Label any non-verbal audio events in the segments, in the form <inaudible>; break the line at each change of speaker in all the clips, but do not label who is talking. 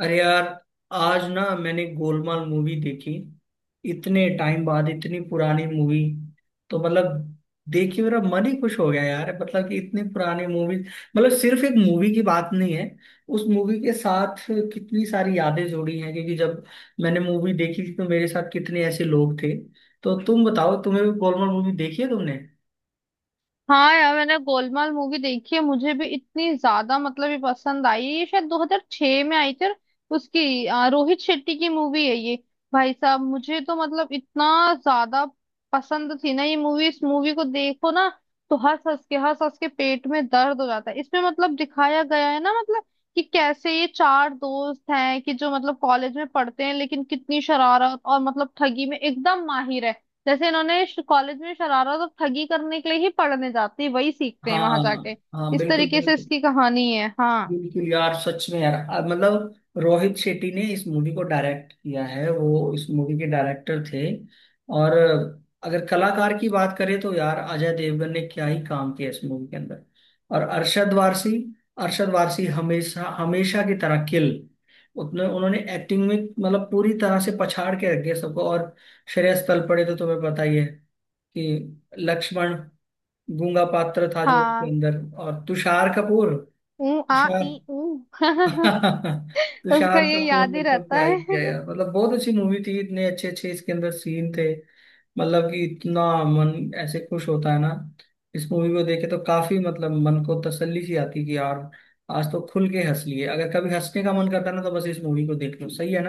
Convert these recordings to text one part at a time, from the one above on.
अरे यार, आज ना मैंने गोलमाल मूवी देखी। इतने टाइम बाद इतनी पुरानी मूवी, तो मतलब देख के मेरा मन ही खुश हो गया यार। मतलब कि इतनी पुरानी मूवी, मतलब सिर्फ एक मूवी की बात नहीं है। उस मूवी के साथ कितनी सारी यादें जुड़ी हैं, क्योंकि जब मैंने मूवी देखी तो मेरे साथ कितने ऐसे लोग थे। तो तुम बताओ, तुम्हें गोलमाल मूवी देखी है तुमने?
हाँ यार, मैंने गोलमाल मूवी देखी है। मुझे भी इतनी ज्यादा मतलब ये पसंद आई है। ये शायद 2006 में आई थी। और उसकी रोहित शेट्टी की मूवी है ये। भाई साहब, मुझे तो मतलब इतना ज्यादा पसंद थी ना ये मूवी। इस मूवी को देखो ना तो हंस हंस के पेट में दर्द हो जाता है। इसमें मतलब दिखाया गया है ना, मतलब कि कैसे ये चार दोस्त हैं कि जो मतलब कॉलेज में पढ़ते हैं, लेकिन कितनी शरारत और मतलब ठगी में एकदम माहिर है। जैसे इन्होंने कॉलेज में शरारत और ठगी करने के लिए ही पढ़ने जाते हैं, वही सीखते हैं वहां
हाँ,
जाके।
हाँ,
इस
बिल्कुल
तरीके से
बिल्कुल।
इसकी कहानी है। हाँ।
बिल्कुल यार, सच में यार, मतलब रोहित शेट्टी ने इस मूवी को डायरेक्ट किया है, वो इस मूवी के डायरेक्टर थे। और अगर कलाकार की बात करें तो यार, अजय देवगन ने क्या ही काम किया इस मूवी के अंदर। और अरशद वारसी, अरशद वारसी हमेशा हमेशा की तरह किल, उतने उन्होंने एक्टिंग में मतलब पूरी तरह से पछाड़ के रख दिया सबको। और श्रेयस तलपड़े तो तुम्हें पता ही है कि लक्ष्मण गूंगा पात्र था जो उसके
हाँ।
अंदर। और तुषार कपूर,
ऊ। आ।
तुषार।
ई। ऊ।
<laughs>
<laughs> उसका
तुषार
ये
कपूर
याद
ने
ही
तो
रहता
क्या ही
है।
किया यार, मतलब बहुत अच्छी मूवी थी। इतने अच्छे अच्छे इसके अंदर सीन थे, मतलब कि इतना मन ऐसे खुश होता है ना। इस मूवी को देखे तो काफी मतलब मन को तसल्ली सी आती कि यार, आज तो खुल के हंस लिए। अगर कभी हंसने का मन करता है ना, तो बस इस मूवी को देख लो, सही है।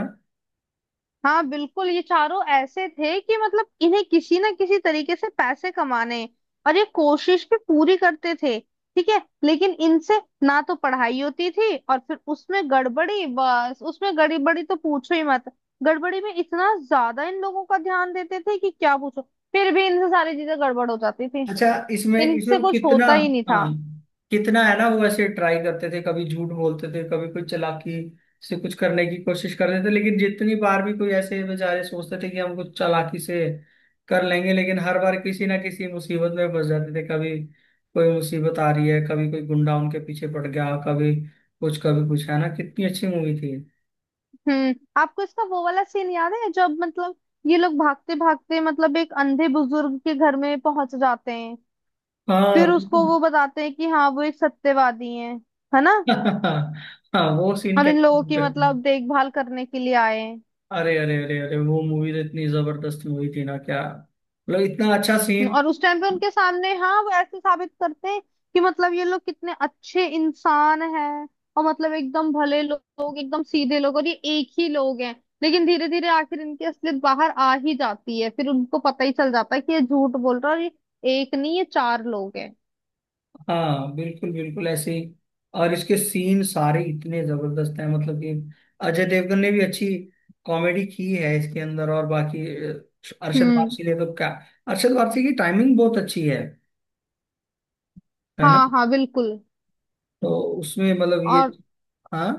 हाँ बिल्कुल, ये चारों ऐसे थे कि मतलब इन्हें किसी ना किसी तरीके से पैसे कमाने हैं। और ये कोशिश भी पूरी करते थे। ठीक है, लेकिन इनसे ना तो पढ़ाई होती थी, और फिर उसमें गड़बड़ी, बस उसमें गड़बड़ी तो पूछो ही मत। गड़बड़ी में इतना ज्यादा इन लोगों का ध्यान देते थे कि क्या पूछो। फिर भी इनसे सारी चीजें गड़बड़ हो जाती थी।
अच्छा, इसमें इसमें
इनसे
वो
कुछ
कितना,
होता ही नहीं था।
हाँ कितना है ना। वो ऐसे ट्राई करते थे, कभी झूठ बोलते थे, कभी कोई चालाकी से कुछ करने की कोशिश करते थे, लेकिन जितनी बार भी कोई ऐसे बेचारे सोचते थे कि हम कुछ चालाकी से कर लेंगे, लेकिन हर बार किसी ना किसी मुसीबत में फंस जाते थे। कभी कोई मुसीबत आ रही है, कभी कोई गुंडा उनके पीछे पड़ गया, कभी कुछ कभी कुछ, है ना? कितनी अच्छी मूवी थी।
हम्म। आपको इसका वो वाला सीन याद है जब मतलब ये लोग भागते भागते मतलब एक अंधे बुजुर्ग के घर में पहुंच जाते हैं?
हाँ,
फिर उसको
बिल्कुल।
वो बताते हैं कि हाँ वो एक सत्यवादी हैं, है ना।
<laughs> हाँ, वो सीन
और इन
कैसे
लोगों
भूल
की
सकते हैं।
मतलब देखभाल करने के लिए आए हैं।
अरे अरे अरे अरे, वो मूवी तो इतनी जबरदस्त मूवी थी ना, क्या मतलब, इतना अच्छा सीन।
और उस टाइम पे उनके सामने हाँ वो ऐसे साबित करते हैं कि मतलब ये लोग कितने अच्छे इंसान हैं, और मतलब एकदम भले लोग, एकदम सीधे लोग, और ये एक ही लोग हैं। लेकिन धीरे धीरे आखिर इनकी असलियत बाहर आ ही जाती है। फिर उनको पता ही चल जाता है कि ये झूठ बोल रहा है, और ये एक नहीं, ये चार लोग हैं।
हाँ, बिल्कुल बिल्कुल, ऐसे ही। और इसके सीन सारे इतने जबरदस्त हैं, मतलब कि अजय देवगन ने भी अच्छी कॉमेडी की है इसके अंदर। और बाकी अरशद
हम्म।
वारसी ने तो क्या, अरशद वारसी की टाइमिंग बहुत अच्छी है ना।
हाँ हाँ बिल्कुल।
तो उसमें मतलब ये,
और
हाँ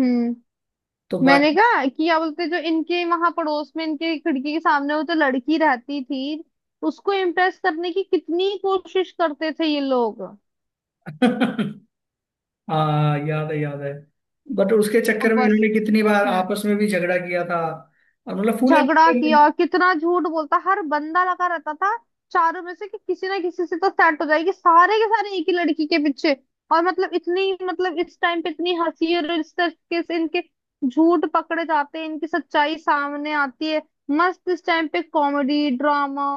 हम्म।
तो
मैंने
बाकी।
कहा कि क्या बोलते, जो इनके वहां पड़ोस में इनके खिड़की के सामने वो तो लड़की रहती थी, उसको इम्प्रेस करने की कितनी कोशिश करते थे ये लोग। और
<laughs> हाँ, याद है याद है। बट उसके चक्कर में
बस।
इन्होंने कितनी बार
हम्म।
आपस में भी झगड़ा किया था। और मतलब फुल
झगड़ा
एंटरटेनमेंट।
किया, कितना झूठ बोलता, हर बंदा लगा रहता था चारों में से कि किसी ना किसी से तो सेट हो जाएगी, सारे के सारे एक ही लड़की के पीछे। और मतलब इतनी, मतलब इस टाइम पे इतनी हंसी, और इस तरीके से इनके झूठ पकड़े जाते हैं, इनकी सच्चाई सामने आती है। मस्त, इस टाइम पे कॉमेडी ड्रामा,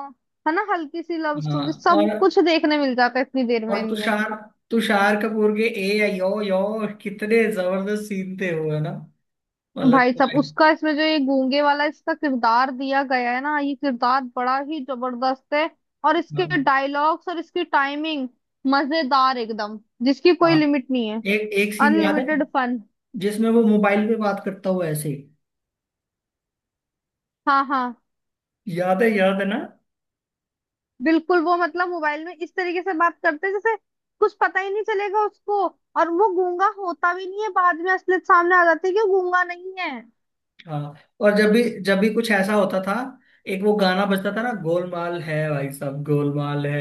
है ना, हल्की सी लव स्टोरी,
हाँ,
सब कुछ देखने मिल जाता है इतनी देर में
और
इनमें।
तुषार, तुषार कपूर के ए या यो यो, कितने जबरदस्त सीन थे वो, है ना। मतलब
भाई साहब,
कि-,
उसका इसमें जो ये गूंगे वाला इसका किरदार दिया गया है ना, ये किरदार बड़ा ही जबरदस्त है। और इसके
हाँ,
डायलॉग्स और इसकी टाइमिंग मजेदार एकदम, जिसकी कोई
हाँ।
लिमिट नहीं है।
एक एक सीन याद है,
अनलिमिटेड फन।
जिसमें वो मोबाइल पे बात करता हुआ ऐसे,
हाँ हाँ
याद है ना।
बिल्कुल। वो मतलब मोबाइल में इस तरीके से बात करते हैं जैसे कुछ पता ही नहीं चलेगा उसको, और वो गूंगा होता भी नहीं है, बाद में असलियत सामने आ जाती है कि वो गूंगा नहीं है।
हाँ, और जब भी कुछ ऐसा होता था, एक वो गाना बजता था ना, गोलमाल है भाई साहब, गोलमाल है।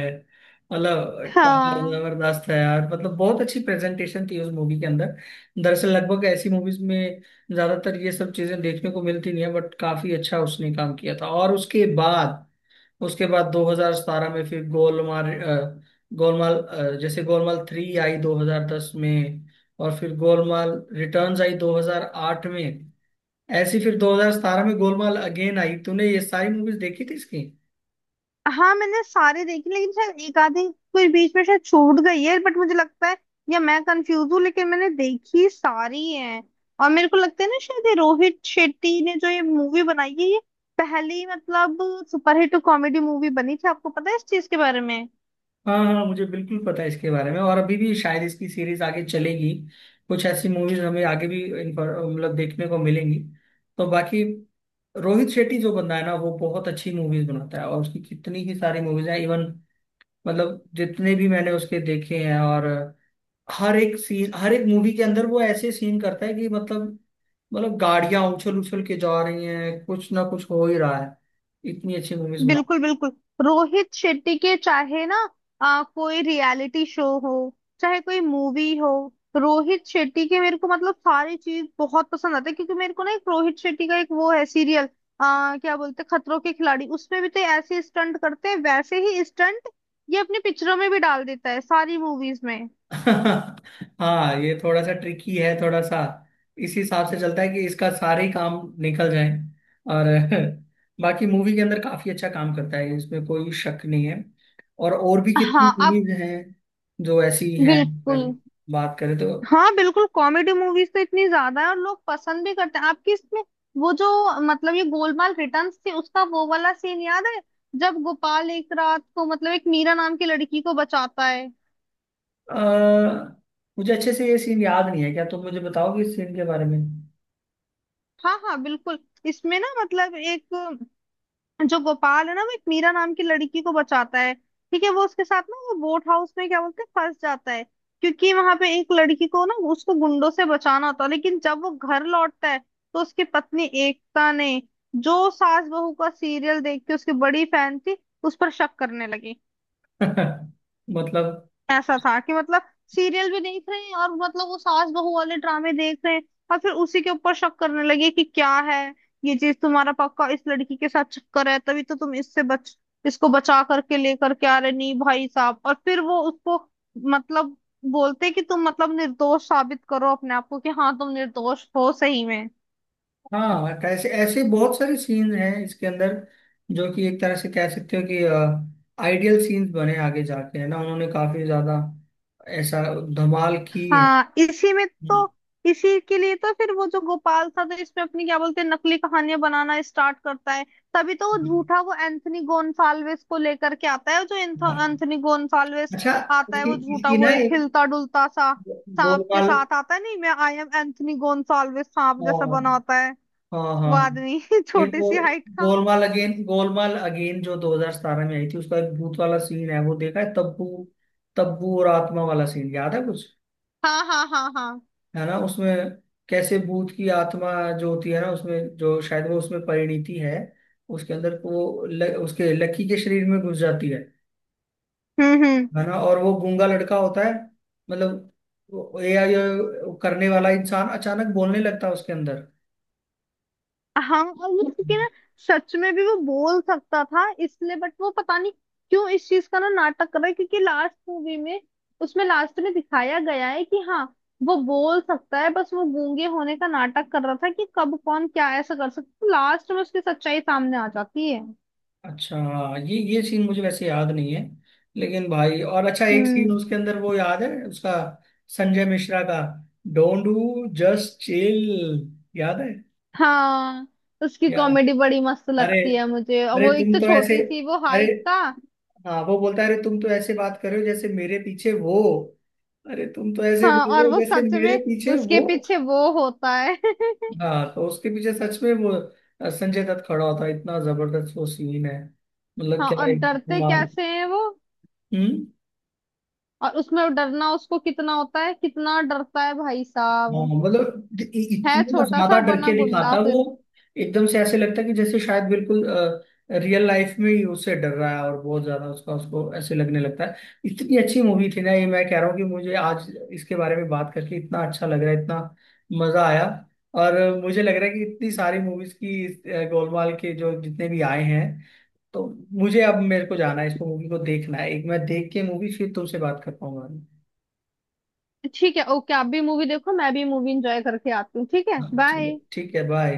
मतलब क्या
हाँ।
जबरदस्त है यार, मतलब बहुत अच्छी प्रेजेंटेशन थी उस मूवी के अंदर। दरअसल लगभग ऐसी मूवीज में ज्यादातर ये सब चीजें देखने को मिलती नहीं है, बट काफी अच्छा उसने काम किया था। और उसके बाद, उसके बाद 2017 में फिर गोलमाल गोलमाल जैसे गोलमाल थ्री आई 2010 में, और फिर गोलमाल रिटर्न्स आई 2008 में। ऐसी फिर 2017 में गोलमाल अगेन आई। तूने ये सारी मूवीज देखी थी इसकी?
हाँ मैंने सारे देखे, लेकिन शायद एक आधी कोई बीच में शायद छूट गई है, बट मुझे लगता है, या मैं कंफ्यूज हूँ, लेकिन मैंने देखी सारी है। और मेरे को लगता है ना, शायद ये रोहित शेट्टी ने जो ये मूवी बनाई है, ये पहली मतलब सुपरहिट कॉमेडी मूवी बनी थी। आपको पता है इस चीज के बारे में?
हाँ, हाँ मुझे बिल्कुल पता है इसके बारे में। और अभी भी शायद इसकी सीरीज आगे चलेगी, कुछ ऐसी मूवीज हमें आगे भी मतलब देखने को मिलेंगी। तो बाकी रोहित शेट्टी जो बंदा है ना, वो बहुत अच्छी मूवीज बनाता है। और उसकी कितनी ही सारी मूवीज हैं, इवन मतलब जितने भी मैंने उसके देखे हैं। और हर एक सीन, हर एक मूवी के अंदर वो ऐसे सीन करता है कि मतलब, मतलब गाड़ियां उछल उछल के जा रही हैं, कुछ ना कुछ हो ही रहा है, इतनी अच्छी मूवीज बना।
बिल्कुल बिल्कुल। रोहित शेट्टी के, चाहे ना कोई रियलिटी शो हो, चाहे कोई मूवी हो, रोहित शेट्टी के मेरे को मतलब सारी चीज बहुत पसंद आती है। क्योंकि मेरे को ना, एक रोहित शेट्टी का एक वो है सीरियल, क्या बोलते हैं, खतरों के खिलाड़ी, उसमें भी तो ऐसे स्टंट करते हैं, वैसे ही स्टंट ये अपनी पिक्चरों में भी डाल देता है, सारी मूवीज में।
<laughs> हाँ, ये थोड़ा सा ट्रिकी है, थोड़ा सा इस हिसाब से चलता है कि इसका सारे ही काम निकल जाए। और <laughs> बाकी मूवी के अंदर काफी अच्छा काम करता है, इसमें कोई शक नहीं है। और भी कितनी
हाँ आप,
मूवीज हैं जो ऐसी हैं,
बिल्कुल।
अगर बात करें तो।
हाँ बिल्कुल, कॉमेडी मूवीज तो इतनी ज्यादा है और लोग पसंद भी करते हैं आपकी इसमें। वो जो मतलब ये गोलमाल रिटर्न्स थी, उसका वो वाला सीन याद है जब गोपाल एक रात को मतलब एक मीरा नाम की लड़की को बचाता है?
अ, मुझे अच्छे से ये सीन याद नहीं है, क्या तुम मुझे बताओगे इस सीन के बारे में?
हाँ हाँ बिल्कुल। इसमें ना मतलब एक, जो गोपाल है ना, वो एक मीरा नाम की लड़की को बचाता है। ठीक है, वो उसके साथ ना वो बोट हाउस में क्या बोलते हैं फंस जाता है, क्योंकि वहां पे एक लड़की को ना उसको गुंडों से बचाना होता है। लेकिन जब वो घर लौटता है, तो उसकी पत्नी एकता ने, जो सास बहू का सीरियल देख के उसकी बड़ी फैन थी, उस पर शक करने लगी।
<laughs> मतलब,
ऐसा था कि मतलब सीरियल भी देख रहे हैं, और मतलब वो सास बहू वाले ड्रामे देख रहे हैं, और फिर उसी के ऊपर शक करने लगे कि क्या है ये चीज, तुम्हारा पक्का इस लड़की के साथ चक्कर है, तभी तो तुम इससे बच, इसको बचा करके लेकर के आ रहे। नहीं भाई साहब। और फिर वो उसको मतलब बोलते कि तुम मतलब निर्दोष साबित करो अपने आप को कि हाँ तुम निर्दोष हो सही में।
हाँ कैसे ऐसे बहुत सारे सीन हैं इसके अंदर जो कि एक तरह से कह सकते हो कि आइडियल सीन्स बने आगे जाके, है ना। उन्होंने काफी ज्यादा ऐसा धमाल की है।
हाँ। इसी में तो, इसी के लिए तो फिर वो जो गोपाल था, तो इसमें अपनी क्या बोलते हैं, नकली कहानियां बनाना स्टार्ट करता है। तभी तो वो झूठा, वो एंथनी गोन्साल्विस को लेकर के आता है, जो एंथनी गोन्साल्विस
अच्छा,
आता है,
इसकी
वो झूठा,
इसकी
वो
ना
एक
एक
हिलता डुलता सा सांप के
गोलमाल,
साथ आता है, नहीं मैं आई एम एंथनी गोन्साल्विस, सांप
हाँ
जैसा बना होता है
हाँ
वो
हाँ।
आदमी। <laughs>
ये
छोटी
वो
सी हाइट का।
गोलमाल अगेन, गोलमाल अगेन जो 2017 में आई थी, उसका एक भूत वाला सीन है वो देखा है, तब्बू, तब्बू और आत्मा वाला सीन याद है कुछ,
हाँ हाँ हाँ हाँ।
है ना? उसमें कैसे भूत की आत्मा जो होती है ना, उसमें जो शायद वो, उसमें परिणीति है उसके अंदर। वो उसके लकी के शरीर में घुस जाती है
हम्म।
है ना। और वो गूंगा लड़का होता है, मतलब एआई करने वाला इंसान अचानक बोलने लगता है उसके अंदर।
हाँ और वो, क्योंकि ना सच में भी वो बोल सकता था इसलिए, बट वो पता नहीं क्यों इस चीज का ना नाटक कर रहा है, क्योंकि लास्ट मूवी में, उसमें लास्ट में दिखाया गया है कि हाँ वो बोल सकता है, बस वो गूंगे होने का नाटक कर रहा था, कि कब कौन क्या ऐसा कर सकता, लास्ट में उसकी सच्चाई सामने आ जाती है।
अच्छा हाँ, ये सीन मुझे वैसे याद नहीं है, लेकिन भाई, और अच्छा एक सीन
हम्म।
उसके अंदर वो याद है उसका, संजय मिश्रा का, डोंट डू जस्ट चिल, याद है?
हाँ उसकी
याद है,
कॉमेडी बड़ी मस्त
अरे,
लगती है मुझे, और
अरे
वो एक
तुम
तो
तो ऐसे,
छोटी सी वो
अरे।
हाइट का।
हाँ, वो बोलता है अरे तुम तो ऐसे बात कर रहे हो जैसे मेरे पीछे वो, अरे तुम तो ऐसे
हाँ,
बोल रहे
और
हो
वो
जैसे
सच
मेरे
में
पीछे
उसके
वो।
पीछे वो होता है। <laughs>
हाँ, तो उसके पीछे सच में वो संजय दत्त खड़ा होता है। इतना जबरदस्त वो सीन है, मतलब
हाँ,
क्या
और
है
डरते
कमाल।
कैसे हैं वो,
हम्म।
और उसमें डरना उसको कितना होता है, कितना डरता है भाई
हाँ
साहब,
मतलब
है
इतना
छोटा
ज्यादा
सा
डर
बना
के दिखाता
गुंडा
है वो,
फिर।
एकदम से ऐसे लगता है कि जैसे शायद बिल्कुल रियल लाइफ में ही उससे डर रहा है। और बहुत ज्यादा उसका, उसको ऐसे लगने लगता है। इतनी अच्छी मूवी थी ना ये, मैं कह रहा हूँ कि मुझे आज इसके बारे में बात करके इतना अच्छा लग रहा है, इतना मजा आया। और मुझे लग रहा है कि इतनी सारी मूवीज की गोलमाल के जो जितने भी आए हैं, तो मुझे अब, मेरे को जाना है, इसको मूवी को देखना है एक। मैं देख के मूवी फिर तुमसे बात कर पाऊंगा।
ठीक है, ओके, आप भी मूवी देखो, मैं भी मूवी एंजॉय करके आती हूँ। ठीक है,
हाँ चलो,
बाय।
ठीक है, बाय।